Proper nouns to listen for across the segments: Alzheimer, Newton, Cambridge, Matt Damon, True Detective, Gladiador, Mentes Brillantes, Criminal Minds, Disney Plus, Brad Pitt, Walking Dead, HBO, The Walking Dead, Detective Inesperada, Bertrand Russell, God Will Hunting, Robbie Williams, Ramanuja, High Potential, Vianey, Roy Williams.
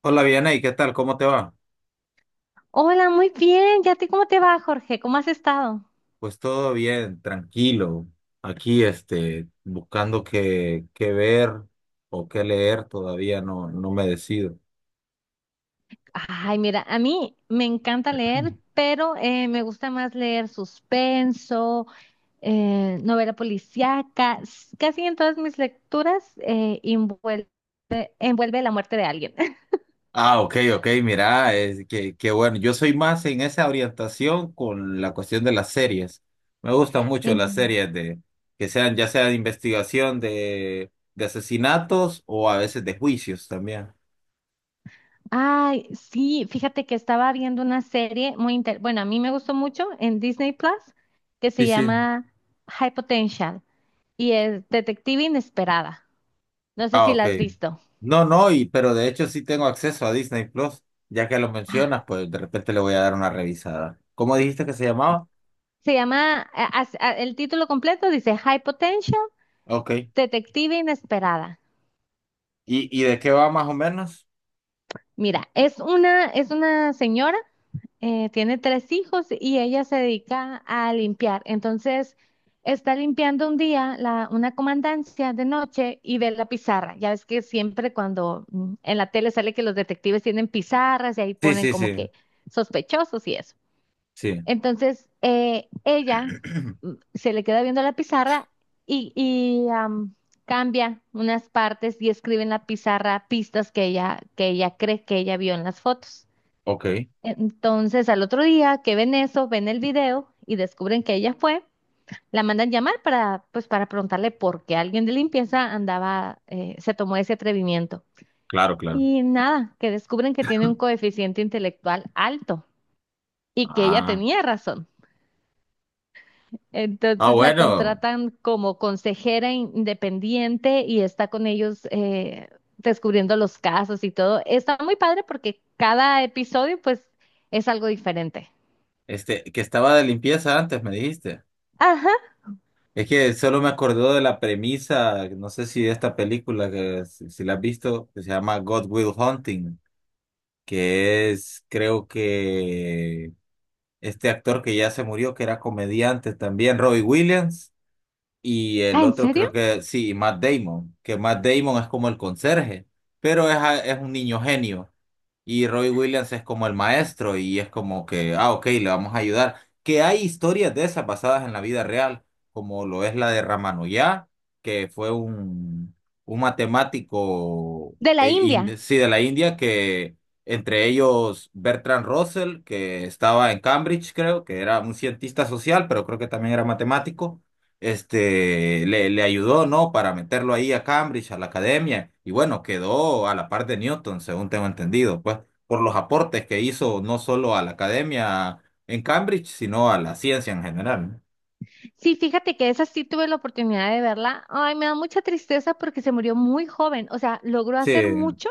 Hola, Vianey, ¿qué tal? ¿Cómo te va? Hola, muy bien. ¿Y a ti cómo te va, Jorge? ¿Cómo has estado? Pues todo bien, tranquilo. Aquí, buscando qué ver o qué leer, todavía no, no me decido. Ay, mira, a mí me encanta leer, pero me gusta más leer suspenso, novela policíaca. Casi en todas mis lecturas envuelve, envuelve la muerte de alguien. Ah, ok, ok, mira, que bueno, yo soy más en esa orientación con la cuestión de las series. Me gustan mucho Eh, las series que sean, ya sea de investigación de asesinatos o a veces de juicios también. ay, sí, fíjate que estaba viendo una serie muy inter... Bueno, a mí me gustó mucho en Disney Plus que se Sí, sí. llama High Potential y es Detective Inesperada. No sé Ah, si ok. la has visto. No, no, y pero de hecho sí tengo acceso a Disney Plus, ya que lo mencionas, pues de repente le voy a dar una revisada. ¿Cómo dijiste que se llamaba? Se llama, el título completo dice High Potential, Ok. Detective Inesperada. Y de qué va más o menos? Mira, es una señora, tiene tres hijos y ella se dedica a limpiar. Entonces, está limpiando un día una comandancia de noche y ve la pizarra. Ya ves que siempre cuando en la tele sale que los detectives tienen pizarras y ahí Sí, ponen sí, como sí, que sospechosos y eso. sí. Entonces, ella se le queda viendo la pizarra y cambia unas partes y escribe en la pizarra pistas que ella cree que ella vio en las fotos. Ok, Entonces, al otro día que ven eso, ven el video y descubren que ella fue, la mandan llamar para, pues, para preguntarle por qué alguien de limpieza andaba, se tomó ese atrevimiento. claro, claro. Y nada, que descubren que tiene un coeficiente intelectual alto y que ella Ah, tenía razón. ah, Entonces la bueno, contratan como consejera independiente y está con ellos descubriendo los casos y todo. Está muy padre porque cada episodio pues es algo diferente. este, que estaba de limpieza antes, me dijiste. Ajá. Es que solo me acordó de la premisa, no sé si de esta película, que si, si la has visto, que se llama God Will Hunting, creo que este actor que ya se murió, que era comediante también, Robbie Williams, y el Ah, ¿en otro creo serio? que sí, Matt Damon, que Matt Damon es como el conserje, pero es un niño genio. Y Roy Williams es como el maestro y es como que, ah, ok, le vamos a ayudar. Que hay historias de esas basadas en la vida real, como lo es la de Ramanujá, que fue un matemático, De la India. Sí, de la India, que entre ellos Bertrand Russell, que estaba en Cambridge, creo, que era un cientista social, pero creo que también era matemático este, le ayudó, ¿no? Para meterlo ahí a Cambridge, a la academia, y bueno, quedó a la par de Newton, según tengo entendido, pues, por los aportes que hizo no solo a la academia en Cambridge, sino a la ciencia en general. ¿No? Sí, fíjate que esa sí tuve la oportunidad de verla. Ay, me da mucha tristeza porque se murió muy joven. O sea, logró hacer Sí, mucho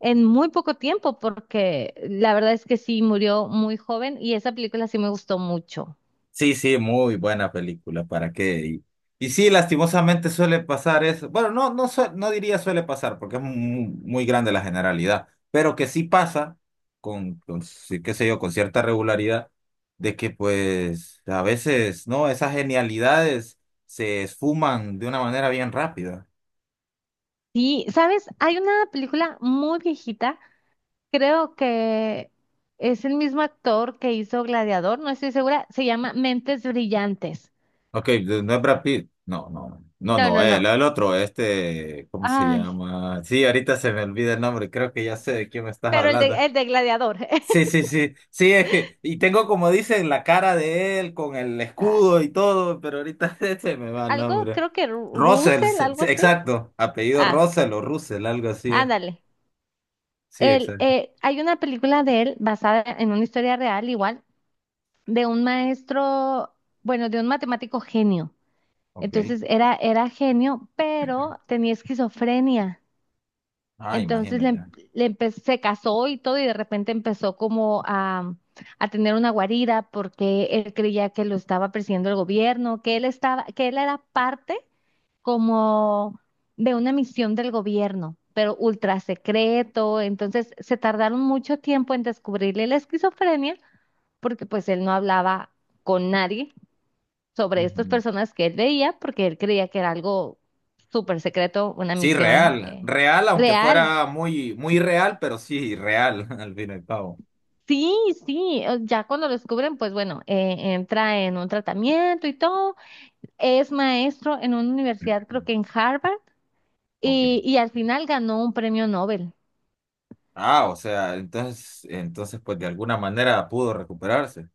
en muy poco tiempo porque la verdad es que sí murió muy joven y esa película sí me gustó mucho. sí, sí, muy buena película, ¿para qué? Y sí, lastimosamente suele pasar eso. Bueno, no diría suele pasar, porque es muy, muy grande la generalidad, pero que sí pasa sí, qué sé yo, con cierta regularidad, de que pues a veces, ¿no? Esas genialidades se esfuman de una manera bien rápida. Sí, ¿sabes? Hay una película muy viejita, creo que es el mismo actor que hizo Gladiador, no estoy segura, se llama Mentes Brillantes. Ok, de- no es Brad Pitt. No, no, no, No, no, no, no. el otro, este, ¿cómo se Ay, llama? Sí, ahorita se me olvida el nombre, creo que ya sé de quién me estás pero hablando. el de Gladiador. Sí, sí, sí, sí, y tengo como dicen la cara de él con el Ah, escudo y todo, pero ahorita se me va el algo, nombre. creo que Russell, Russell, se- algo se- así. exacto, apellido Ah, Russell o Russell, algo así es. ándale. Sí, exacto. Hay una película de él basada en una historia real, igual, de un maestro, bueno, de un matemático genio. Ok. Era genio, pero tenía esquizofrenia. Ah, Entonces le, em- imagínate. le empe- Se casó y todo y de repente empezó como a tener una guarida porque él creía que lo estaba persiguiendo el gobierno, que él era parte como de una misión del gobierno, pero ultra secreto. Entonces se tardaron mucho tiempo en descubrirle la esquizofrenia porque pues él no hablaba con nadie sobre estas Ujú. personas que él veía porque él creía que era algo súper secreto, una Sí, misión real, real, aunque real. fuera muy, muy real, pero sí, real, al fin y al cabo. Sí, sí, ya cuando lo descubren, pues bueno, entra en un tratamiento y todo. Es maestro en una universidad, creo que en Harvard, Ok. Y al final ganó un premio Nobel. Ah, o sea, entonces, pues de alguna manera pudo recuperarse.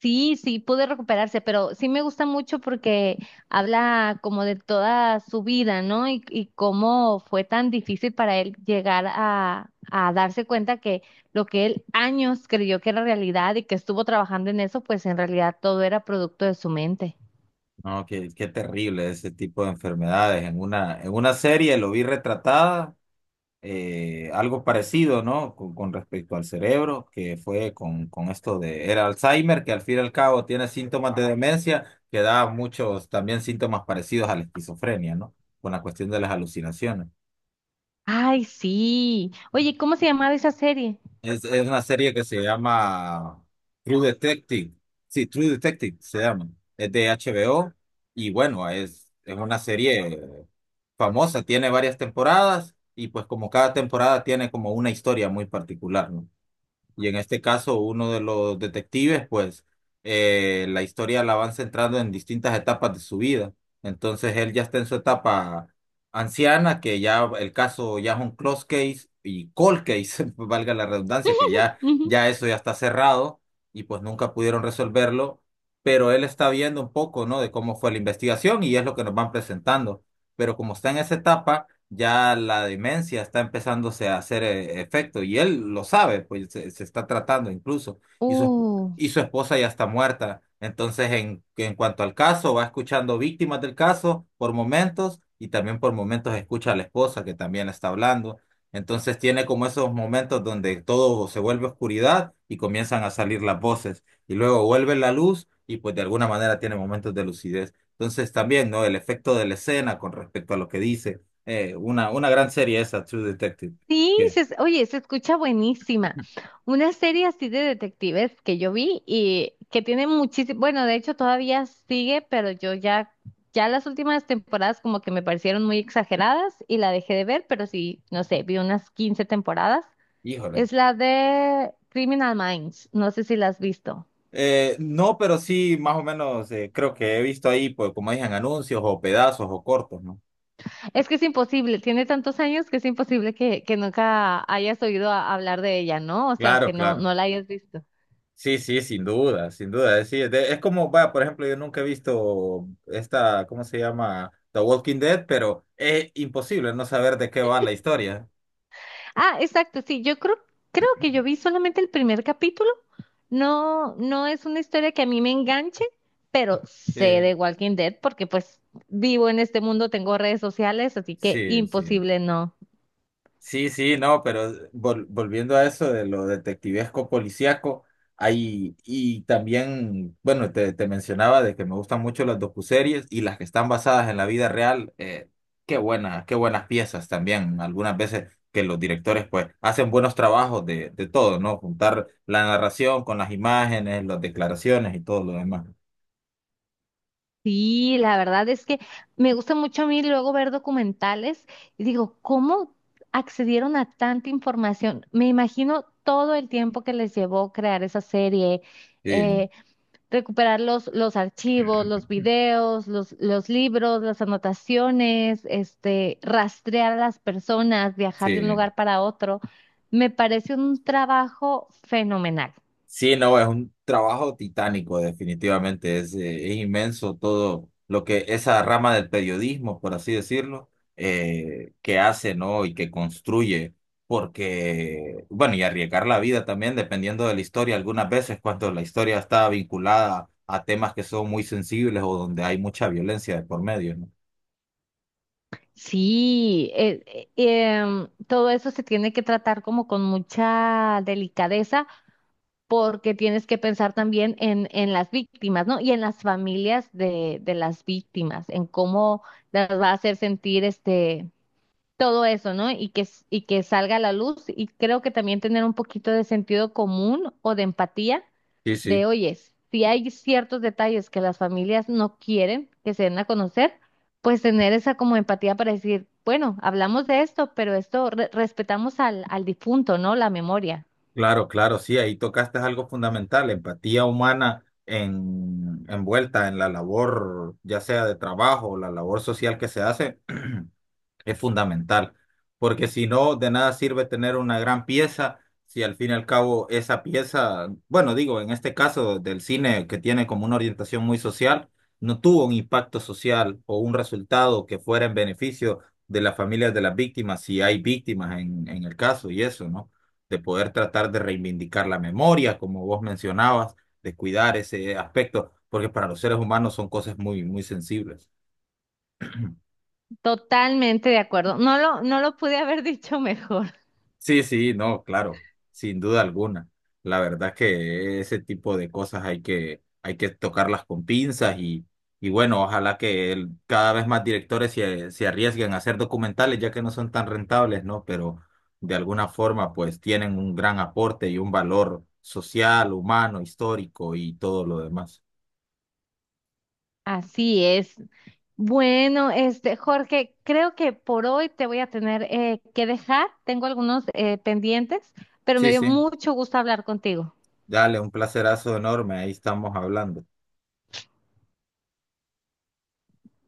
Sí, sí, pude recuperarse, pero sí me gusta mucho porque habla como de toda su vida, ¿no? Y cómo fue tan difícil para él llegar a darse cuenta que lo que él años creyó que era realidad y que estuvo trabajando en eso, pues en realidad todo era producto de su mente. No, qué, qué terrible ese tipo de enfermedades. En en una serie lo vi retratada, algo parecido, ¿no? Con respecto al cerebro, que fue con esto de, era Alzheimer, que al fin y al cabo tiene síntomas de demencia, que da muchos también síntomas parecidos a la esquizofrenia, ¿no? Con la cuestión de las alucinaciones. Ay, sí. Oye, ¿cómo se llamaba esa serie? Es una serie que se llama True Detective. Sí, True Detective se llama. Es de HBO y bueno, es una serie famosa, tiene varias temporadas y pues como cada temporada tiene como una historia muy particular, ¿no? Y en este caso, uno de los detectives, pues, la historia la van centrando en distintas etapas de su vida. Entonces, él ya está en su etapa anciana, que ya el caso ya es un close case y cold case, valga la redundancia, que Ujú. ya eso ya está cerrado y pues nunca pudieron resolverlo. Pero él está viendo un poco, ¿no? De cómo fue la investigación y es lo que nos van presentando. Pero como está en esa etapa ya la demencia está empezándose a hacer efecto y él lo sabe, se está tratando incluso y Uh, y su esposa ya está muerta. Entonces, en cuanto al caso, va escuchando víctimas del caso por momentos y también por momentos escucha a la esposa que también está hablando. Entonces tiene como esos momentos donde todo se vuelve oscuridad y comienzan a salir las voces y luego vuelve la luz y pues de alguna manera tiene momentos de lucidez. Entonces también, ¿no? El efecto de la escena con respecto a lo que dice una gran serie esa, True Detective. sí, Que, oye, se escucha buenísima. Una serie así de detectives que yo vi y que tiene muchísimo, bueno, de hecho todavía sigue, pero ya las últimas temporadas como que me parecieron muy exageradas y la dejé de ver, pero sí, no sé, vi unas 15 temporadas. híjole. Es la de Criminal Minds, no sé si la has visto. No, pero sí, más o menos creo que he visto ahí, pues, como dicen, anuncios o pedazos o cortos, ¿no? Es que es imposible, tiene tantos años que es imposible que nunca hayas oído hablar de ella, ¿no? O sea, Claro, aunque claro. no la hayas visto. Sí, sí, sin duda, sin duda. Sí, es como, va, por ejemplo, yo nunca he visto esta, ¿cómo se llama? The Walking Dead, pero es imposible no saber de qué va la historia. Ah, exacto, sí, creo que yo vi solamente el primer capítulo. No, no es una historia que a mí me enganche, pero Sí, sé de Walking Dead porque pues vivo en este mundo, tengo redes sociales, así que sí, sí. imposible no. Sí, sí, no, pero vol- volviendo a eso de lo detectivesco policíaco, hay, y también, bueno, te mencionaba de que me gustan mucho las docuseries y las que están basadas en la vida real, qué buenas piezas también. Algunas veces que los directores pues hacen buenos trabajos de todo, ¿no? Juntar la narración con las imágenes, las declaraciones y todo lo demás. Sí, la verdad es que me gusta mucho a mí luego ver documentales y digo, ¿cómo accedieron a tanta información? Me imagino todo el tiempo que les llevó crear esa serie, Sí, eh, recuperar los archivos, los videos, los libros, las anotaciones, este, rastrear a las personas, viajar de un sí. lugar para otro. Me parece un trabajo fenomenal. Sí, no, es un trabajo titánico, definitivamente. Es inmenso todo lo que esa rama del periodismo, por así decirlo, que hace, ¿no? Y que construye. Porque, bueno, y arriesgar la vida también, dependiendo de la historia, algunas veces cuando la historia está vinculada a temas que son muy sensibles o donde hay mucha violencia de por medio, ¿no? Sí, todo eso se tiene que tratar como con mucha delicadeza porque tienes que pensar también en las víctimas, ¿no? Y en las familias de las víctimas, en cómo las va a hacer sentir este todo eso, ¿no? Y que salga a la luz. Y creo que también tener un poquito de sentido común o de empatía Sí, sí. de, oyes, si hay ciertos detalles que las familias no quieren que se den a conocer, pues tener esa como empatía para decir, bueno, hablamos de esto, pero esto respetamos al difunto, ¿no? La memoria. Claro, claro, sí, ahí tocaste algo fundamental, empatía humana en, envuelta en la labor, ya sea de trabajo o la labor social que se hace, es fundamental, porque si no, de nada sirve tener una gran pieza si al fin y al cabo esa pieza, bueno, digo, en este caso del cine que tiene como una orientación muy social, no tuvo un impacto social o un resultado que fuera en beneficio de las familias de las víctimas, si hay víctimas en el caso y eso, ¿no? De poder tratar de reivindicar la memoria, como vos mencionabas, de cuidar ese aspecto, porque para los seres humanos son cosas muy, muy sensibles. Totalmente de acuerdo. No lo pude haber dicho mejor. Sí, sí, no, claro, sin duda alguna. La verdad es que ese tipo de cosas hay que tocarlas con pinzas y bueno, ojalá que el- cada vez más directores se arriesguen a hacer documentales, ya que no son tan rentables, ¿no? Pero de alguna forma, pues tienen un gran aporte y un valor social, humano, histórico y todo lo demás. Así es. Bueno, este, Jorge, creo que por hoy te voy a tener que dejar. Tengo algunos pendientes, pero me Sí, dio sí, mucho gusto hablar contigo. dale, un placerazo enorme, ahí estamos hablando.